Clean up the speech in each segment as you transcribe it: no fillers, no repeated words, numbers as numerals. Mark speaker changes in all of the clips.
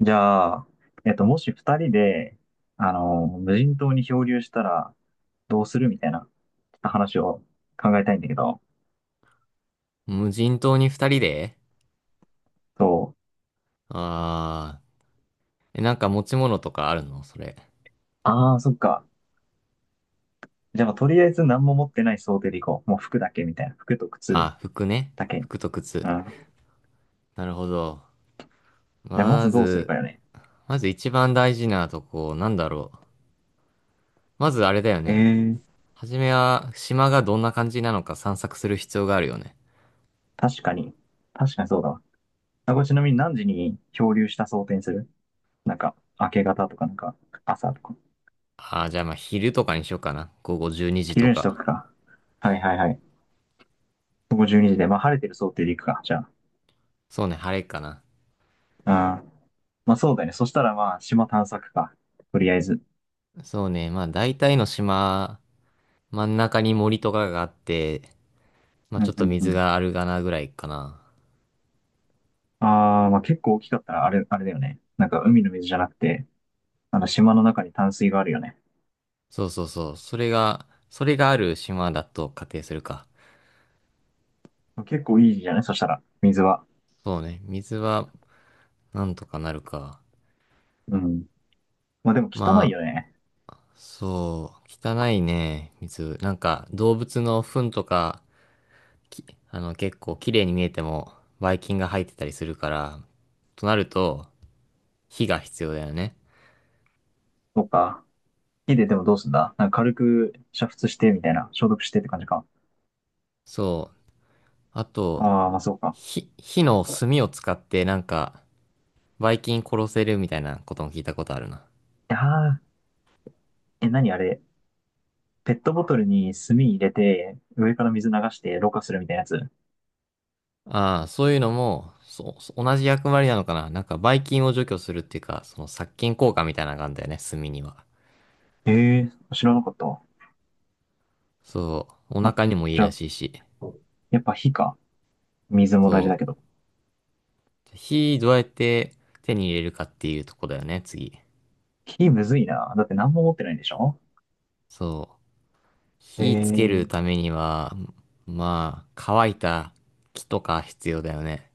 Speaker 1: じゃあ、もし二人で、無人島に漂流したら、どうするみたいな、ちょっと話を考えたいんだけど、
Speaker 2: 無人島に二人で
Speaker 1: そう。
Speaker 2: あえ、なんか持ち物とかあるのそれ？
Speaker 1: ああ、そっか。じゃあ、まあとりあえず何も持ってない想定でいこう。もう服だけみたいな。服と靴
Speaker 2: あ、服ね。
Speaker 1: だけ。
Speaker 2: 服と靴。
Speaker 1: うん。じ
Speaker 2: なるほど。
Speaker 1: ゃあ、ま
Speaker 2: ま
Speaker 1: ずどうする
Speaker 2: ず、
Speaker 1: かよね。
Speaker 2: まず一番大事なとこ、なんだろう。まずあれだよ
Speaker 1: ええ
Speaker 2: ね。
Speaker 1: ー、
Speaker 2: はじめは、島がどんな感じなのか散策する必要があるよね。
Speaker 1: 確かに。確かにそうだわ。あ、これちなみに何時に漂流した想定にする？なんか、明け方とか、なんか、朝とか。
Speaker 2: ああ、じゃあまあ昼とかにしようかな。午後12時と
Speaker 1: 昼にしと
Speaker 2: か。
Speaker 1: くか。はいはいはい。午後12時で、まあ、晴れてる想定でいくか。じゃ
Speaker 2: そうね、晴れかな。
Speaker 1: あ。まあそうだね。そしたらまあ島探索か。とりあえず。
Speaker 2: そうね、まあ大体の島、真ん中に森とかがあって、ま
Speaker 1: う
Speaker 2: あちょ
Speaker 1: ん
Speaker 2: っ
Speaker 1: う
Speaker 2: と
Speaker 1: んう
Speaker 2: 水
Speaker 1: ん。
Speaker 2: があるかなぐらいかな。
Speaker 1: ああ、まあ結構大きかったらあれだよね。なんか海の水じゃなくて、あの島の中に淡水があるよね。
Speaker 2: そうそうそう。それがある島だと仮定するか。
Speaker 1: 結構いいじゃない、そしたら。水は、
Speaker 2: そうね。水はなんとかなるか。
Speaker 1: うん。まあでも汚い
Speaker 2: ま
Speaker 1: よね。
Speaker 2: あ、そう。汚いね、水。なんか、動物の糞とか、き、あの、結構綺麗に見えても、ばい菌が入ってたりするから、となると、火が必要だよね。
Speaker 1: そっか。火ででもどうすんだ、なんか軽く煮沸してみたいな。消毒してって感じか。
Speaker 2: そう。あと、
Speaker 1: ああ、まあそうか。
Speaker 2: 火の炭を使って、なんか、ばい菌殺せるみたいなことも聞いたことあるな。
Speaker 1: いやー、え、何あれ。ペットボトルに炭入れて、上から水流してろ過するみたいなやつ。
Speaker 2: ああ、そういうのも、そう、同じ役割なのかな。なんか、ばい菌を除去するっていうか、その殺菌効果みたいなのがあるんだよね、炭には。
Speaker 1: ええー、知らなかった。
Speaker 2: そう、お
Speaker 1: ま
Speaker 2: 腹にもいい
Speaker 1: じゃ
Speaker 2: ら
Speaker 1: あ、
Speaker 2: しいし。
Speaker 1: やっぱ火か。水も
Speaker 2: そ
Speaker 1: 大事だけど。
Speaker 2: う。火どうやって手に入れるかっていうとこだよね、次。
Speaker 1: 火むずいな。だって何も持ってないんでしょ？
Speaker 2: そう。
Speaker 1: ええ
Speaker 2: 火つけるた
Speaker 1: ー、
Speaker 2: めには、まあ、乾いた木とか必要だよね。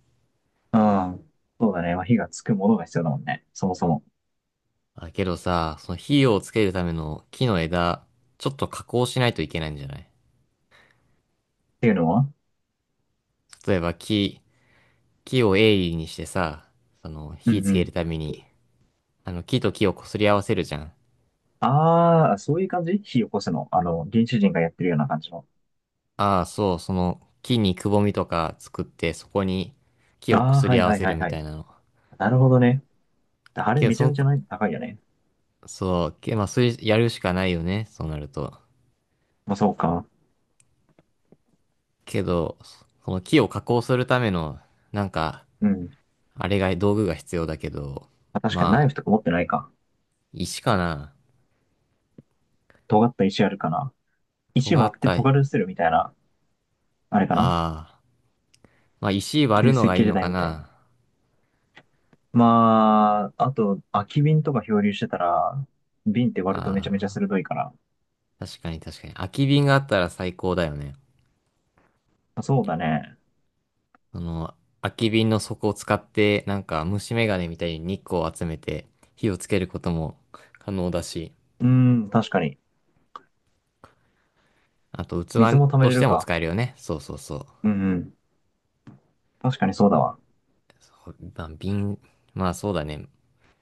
Speaker 1: うん。そうだね。まあ、火がつくものが必要だもんね。そもそも。っ
Speaker 2: だけどさ、その火をつけるための木の枝、ちょっと加工しないといけないんじゃない？
Speaker 1: ていうのは、
Speaker 2: 例えば木を鋭利にしてさ、その
Speaker 1: う
Speaker 2: 火
Speaker 1: ん
Speaker 2: つ
Speaker 1: う
Speaker 2: ける
Speaker 1: ん。
Speaker 2: ために、あの木と木を擦り合わせるじゃん。
Speaker 1: ああ、そういう感じ火起こすの。原始人がやってるような感じの。
Speaker 2: ああ、そう、その木にくぼみとか作ってそこに木を
Speaker 1: ああ、
Speaker 2: 擦
Speaker 1: は
Speaker 2: り
Speaker 1: い
Speaker 2: 合わ
Speaker 1: はい
Speaker 2: せ
Speaker 1: は
Speaker 2: る
Speaker 1: い
Speaker 2: み
Speaker 1: は
Speaker 2: た
Speaker 1: い。
Speaker 2: いなの。
Speaker 1: なるほどね。あれ
Speaker 2: けど、
Speaker 1: め
Speaker 2: そ
Speaker 1: ちゃめ
Speaker 2: の、
Speaker 1: ちゃない高いよね。
Speaker 2: そう、まあ、それやるしかないよね、そうなると。
Speaker 1: まあ、そうか。
Speaker 2: けど、その木を加工するための、なんか、
Speaker 1: うん。
Speaker 2: あれが、道具が必要だけど、
Speaker 1: まあ、確かにナイ
Speaker 2: ま
Speaker 1: フ
Speaker 2: あ、
Speaker 1: とか持ってないか。
Speaker 2: 石かな。
Speaker 1: 尖った石あるかな。石
Speaker 2: 尖
Speaker 1: 割
Speaker 2: っ
Speaker 1: って
Speaker 2: た、あ
Speaker 1: 尖るするみたいな。あれかな、
Speaker 2: あ、まあ石割
Speaker 1: 旧
Speaker 2: るの
Speaker 1: 石
Speaker 2: がい
Speaker 1: 器
Speaker 2: い
Speaker 1: 時
Speaker 2: の
Speaker 1: 代
Speaker 2: か
Speaker 1: みたいに。
Speaker 2: な。
Speaker 1: まあ、あと、空き瓶とか漂流してたら、瓶って割
Speaker 2: あ
Speaker 1: るとめちゃめちゃ
Speaker 2: あ。
Speaker 1: 鋭いから。
Speaker 2: 確かに確かに。空き瓶があったら最高だよね。
Speaker 1: まあそうだね。
Speaker 2: その、空き瓶の底を使って、なんか虫眼鏡みたいに日光を集めて火をつけることも可能だし、
Speaker 1: うん、確かに。
Speaker 2: あと
Speaker 1: 水
Speaker 2: 器
Speaker 1: も溜め
Speaker 2: と
Speaker 1: れ
Speaker 2: して
Speaker 1: る
Speaker 2: も
Speaker 1: か。
Speaker 2: 使えるよね。そうそうそう。
Speaker 1: うんうん。確かにそうだわ。
Speaker 2: そうまあ、まあそうだね。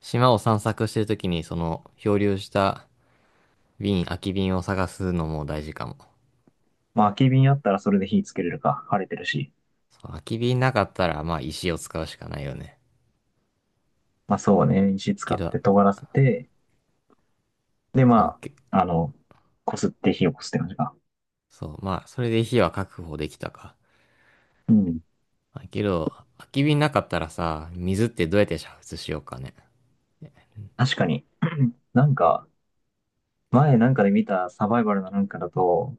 Speaker 2: 島を散策してるときにその漂流した瓶、空き瓶を探すのも大事かも。
Speaker 1: まあ、空き瓶あったらそれで火つけれるか。晴れてるし。
Speaker 2: そう空き瓶なかったらまあ石を使うしかないよね。
Speaker 1: まあそうね。石使
Speaker 2: け
Speaker 1: っ
Speaker 2: ど、
Speaker 1: て尖らせて、で、
Speaker 2: そう、
Speaker 1: ま
Speaker 2: け
Speaker 1: あ、こすって火を擦こすって感じか。
Speaker 2: そう、まあそれで火は確保できたか。
Speaker 1: うん。
Speaker 2: まあけど、空き瓶なかったらさ、水ってどうやって煮沸しようかね。
Speaker 1: 確かに。なんか、前なんかで見たサバイバルのなんかだと、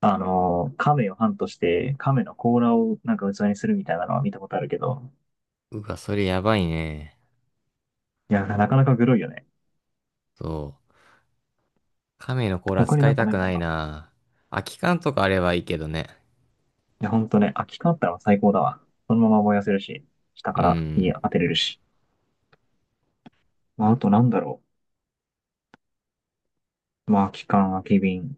Speaker 1: 亀をハントして、亀の甲羅をなんか器にするみたいなのは見たことあるけど、
Speaker 2: うわ、それやばいね。
Speaker 1: いや、なかなかグロいよね。
Speaker 2: そう。亀の甲羅
Speaker 1: 他に
Speaker 2: 使
Speaker 1: な
Speaker 2: い
Speaker 1: んか
Speaker 2: た
Speaker 1: ない
Speaker 2: く
Speaker 1: か
Speaker 2: ない
Speaker 1: な。
Speaker 2: な。空き缶とかあればいいけどね。
Speaker 1: いや、ほんとね、空き缶あったら最高だわ。そのまま燃やせるし、下か
Speaker 2: う
Speaker 1: ら火
Speaker 2: ん。
Speaker 1: 当てれるし。まあ、あとなんだろう。まあ、空き缶、空き瓶。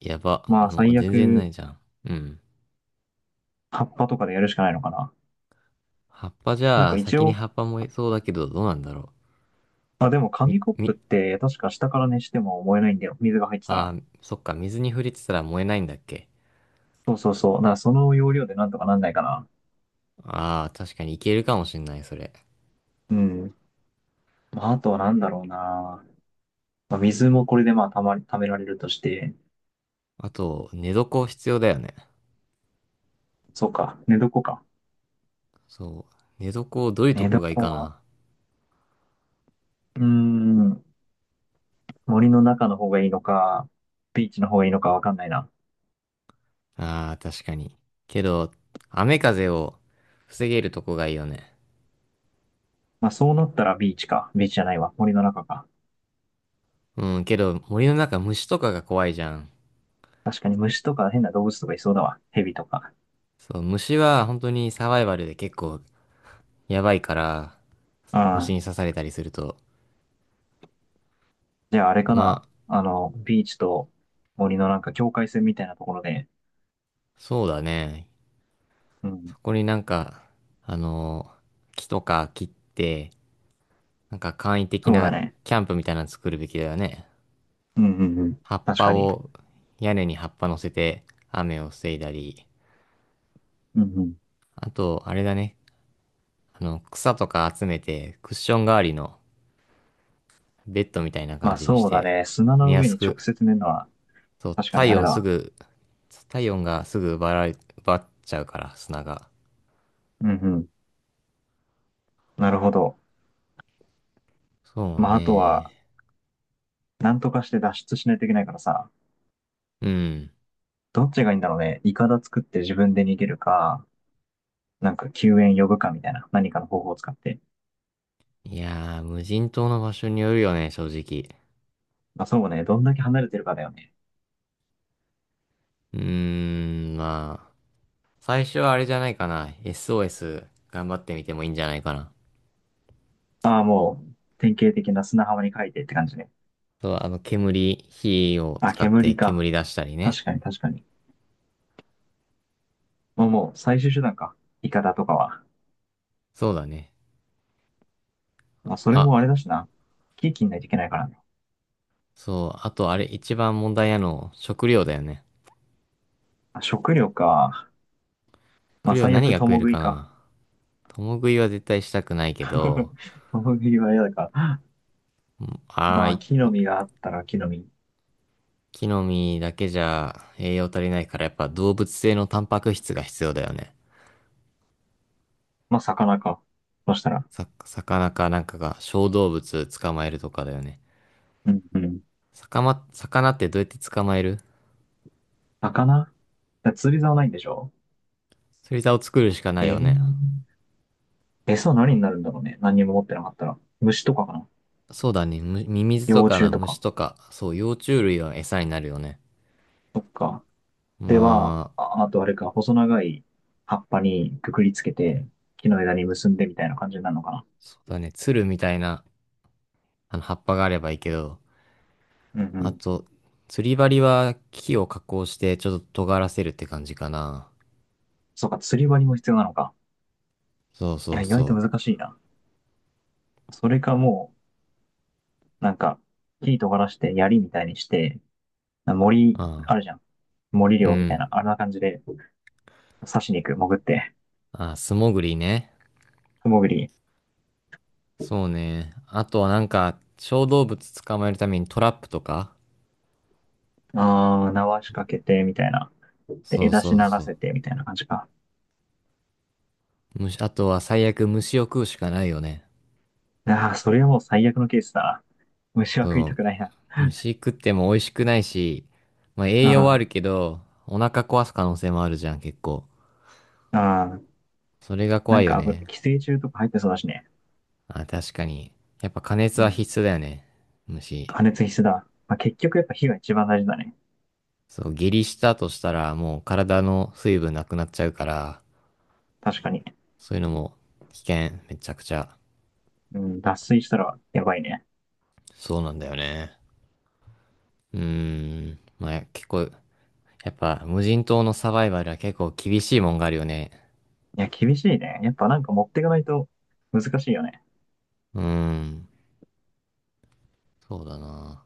Speaker 2: やば。
Speaker 1: まあ、
Speaker 2: もう
Speaker 1: 最
Speaker 2: 全然な
Speaker 1: 悪、
Speaker 2: いじゃん。うん。
Speaker 1: 葉っぱとかでやるしかないのかな。
Speaker 2: 葉っぱじ
Speaker 1: なん
Speaker 2: ゃ
Speaker 1: か
Speaker 2: あ、
Speaker 1: 一
Speaker 2: 先に
Speaker 1: 応、
Speaker 2: 葉っぱ燃えそうだけど、どうなんだろ
Speaker 1: あ、で
Speaker 2: う。
Speaker 1: も
Speaker 2: み、
Speaker 1: 紙コップっ
Speaker 2: み、
Speaker 1: て確か下から熱しても燃えないんだよ。水が入ってたら。
Speaker 2: あー、そっか、水に触れてたら燃えないんだっけ。
Speaker 1: そうそうそう。だからその要領でなんとかなんないかな。
Speaker 2: ああ、確かにいけるかもしんない、それ。
Speaker 1: うん。まあ、あとはなんだろうな。まあ、水もこれでまあ、たまり、貯められるとして。
Speaker 2: あと、寝床必要だよね。
Speaker 1: そうか。寝床か。
Speaker 2: そう。寝床どういう
Speaker 1: 寝
Speaker 2: とこ
Speaker 1: 床
Speaker 2: がいいか
Speaker 1: は、
Speaker 2: な。
Speaker 1: うーん、森の中の方がいいのか、ビーチの方がいいのかわかんないな。
Speaker 2: ああ、確かに。けど、雨風を防げるとこがいいよね。
Speaker 1: まあそうなったらビーチか。ビーチじゃないわ。森の中か。
Speaker 2: うん、けど森の中虫とかが怖いじゃん。
Speaker 1: 確かに虫とか変な動物とかいそうだわ。蛇とか。
Speaker 2: そう、虫は本当にサバイバルで結構やばいから、
Speaker 1: う
Speaker 2: 虫
Speaker 1: ん。
Speaker 2: に刺されたりすると。
Speaker 1: じゃああれか
Speaker 2: まあ、
Speaker 1: な。ビーチと森のなんか境界線みたいなところで。
Speaker 2: そうだね。
Speaker 1: うん。
Speaker 2: そこになんか、あの木とか切って、なんか簡易的
Speaker 1: そうだ
Speaker 2: な
Speaker 1: ね。
Speaker 2: キャンプみたいなの作るべきだよね。
Speaker 1: うんうんうん。
Speaker 2: 葉っ
Speaker 1: 確
Speaker 2: ぱ
Speaker 1: かに。
Speaker 2: を、屋根に葉っぱ乗せて雨を防いだり。
Speaker 1: うんうん。
Speaker 2: あと、あれだね。あの、草とか集めて、クッション代わりのベッドみたいな
Speaker 1: ま
Speaker 2: 感
Speaker 1: あ
Speaker 2: じにし
Speaker 1: そうだ
Speaker 2: て、
Speaker 1: ね。砂
Speaker 2: 寝
Speaker 1: の
Speaker 2: や
Speaker 1: 上
Speaker 2: す
Speaker 1: に直
Speaker 2: く、
Speaker 1: 接寝るのは
Speaker 2: そう、
Speaker 1: 確かにあれだわ。
Speaker 2: 体温がすぐ奪われ、奪っちゃうから、砂が。
Speaker 1: うんうん。なるほど。
Speaker 2: そう
Speaker 1: まああと
Speaker 2: ね。
Speaker 1: は、なんとかして脱出しないといけないからさ。
Speaker 2: うん。
Speaker 1: どっちがいいんだろうね。イカダ作って自分で逃げるか、なんか救援呼ぶかみたいな、何かの方法を使って。
Speaker 2: いやー、無人島の場所によるよね、正直。
Speaker 1: まあそうね、どんだけ離れてるかだよね。
Speaker 2: うーん、まあ、最初はあれじゃないかな。SOS 頑張ってみてもいいんじゃないかな。
Speaker 1: ああ、もう、典型的な砂浜に書いてって感じね。
Speaker 2: そう、あの、煙、火を
Speaker 1: あ、
Speaker 2: 使って
Speaker 1: 煙か。
Speaker 2: 煙出したりね。
Speaker 1: 確かに確かに。もう、最終手段か。イカダとかは。
Speaker 2: そうだね。
Speaker 1: まあそれもあれ
Speaker 2: あ、
Speaker 1: だしな。木切んないといけないからね。
Speaker 2: そう、あとあれ一番問題なの、食料だよね。
Speaker 1: まあ、食料か。ま
Speaker 2: 食
Speaker 1: あ
Speaker 2: 料
Speaker 1: 最
Speaker 2: 何
Speaker 1: 悪、
Speaker 2: が食
Speaker 1: 共
Speaker 2: える
Speaker 1: 食い
Speaker 2: か
Speaker 1: か。
Speaker 2: な。共食いは絶対したくないけど、
Speaker 1: 共食いは嫌だから。
Speaker 2: ああ、
Speaker 1: まあ
Speaker 2: 一
Speaker 1: 木の実があったら木の実。
Speaker 2: 気飲みだけじゃ栄養足りないからやっぱ動物性のタンパク質が必要だよね。
Speaker 1: まあ魚か。そしたら。
Speaker 2: 魚かなんかが小動物捕まえるとかだよね。
Speaker 1: うんうん。
Speaker 2: 魚ってどうやって捕まえる？
Speaker 1: 魚、釣り竿ないんでしょ？
Speaker 2: 釣り竿を作るしかな
Speaker 1: え
Speaker 2: いよね。
Speaker 1: ー、餌は何になるんだろうね。何にも持ってなかったら。虫とかかな。
Speaker 2: そうだね。ミミズと
Speaker 1: 幼
Speaker 2: か
Speaker 1: 虫
Speaker 2: の
Speaker 1: と
Speaker 2: 虫
Speaker 1: か。
Speaker 2: とか、そう、幼虫類は餌になるよね。
Speaker 1: そっか。では、
Speaker 2: まあ、
Speaker 1: あ、あとあれか、細長い葉っぱにくくりつけて、木の枝に結んでみたいな感じになるのかな。
Speaker 2: そうだね。鶴みたいなあの、葉っぱがあればいいけど、
Speaker 1: うんう
Speaker 2: あ
Speaker 1: ん。
Speaker 2: と、釣り針は木を加工してちょっと尖らせるって感じかな。
Speaker 1: そうか、釣り針も必要なのか。
Speaker 2: そう
Speaker 1: い
Speaker 2: そ
Speaker 1: や、
Speaker 2: う
Speaker 1: 意外
Speaker 2: そ
Speaker 1: と
Speaker 2: う。
Speaker 1: 難しいな。それかもう、なんか、木尖らして、槍みたいにして、森、
Speaker 2: あ
Speaker 1: あ
Speaker 2: あ、
Speaker 1: るじゃん。森
Speaker 2: う
Speaker 1: 漁みたい
Speaker 2: ん。
Speaker 1: な、あんな感じで、刺しに行く、潜って、
Speaker 2: ああ、素潜りね。
Speaker 1: 潜り、
Speaker 2: そうね。あとはなんか、小動物捕まえるためにトラップとか。
Speaker 1: ああ、縄仕掛けて、みたいな。で、
Speaker 2: そう
Speaker 1: 枝
Speaker 2: そ
Speaker 1: し
Speaker 2: う
Speaker 1: なら
Speaker 2: そう。
Speaker 1: せて、みたいな感じか。
Speaker 2: あとは最悪虫を食うしかないよね。
Speaker 1: ああ、それはもう最悪のケースだな。虫は食いた
Speaker 2: そ
Speaker 1: くないな。
Speaker 2: う。虫食っても美味しくないし、まあ
Speaker 1: う
Speaker 2: 栄養はあ
Speaker 1: ん。
Speaker 2: るけど、お腹壊す可能性もあるじゃん、結構。
Speaker 1: ああ、
Speaker 2: それが怖
Speaker 1: なん
Speaker 2: いよ
Speaker 1: か危ない、
Speaker 2: ね。
Speaker 1: 寄生虫とか入ってそうだしね。
Speaker 2: あ、確かに。やっぱ加熱
Speaker 1: う
Speaker 2: は
Speaker 1: ん。
Speaker 2: 必須だよね。虫。
Speaker 1: 加熱必須だ。まあ、結局やっぱ火が一番大事だね。
Speaker 2: そう、下痢したとしたらもう体の水分なくなっちゃうから、
Speaker 1: 確かに。
Speaker 2: そういうのも危険、めちゃくちゃ。
Speaker 1: うん、脱水したらやばいね。
Speaker 2: そうなんだよね。うーん。まあ、結構、やっぱ無人島のサバイバルは結構厳しいもんがあるよね。
Speaker 1: いや、厳しいね。やっぱなんか持っていかないと難しいよね。
Speaker 2: うーん。そうだな。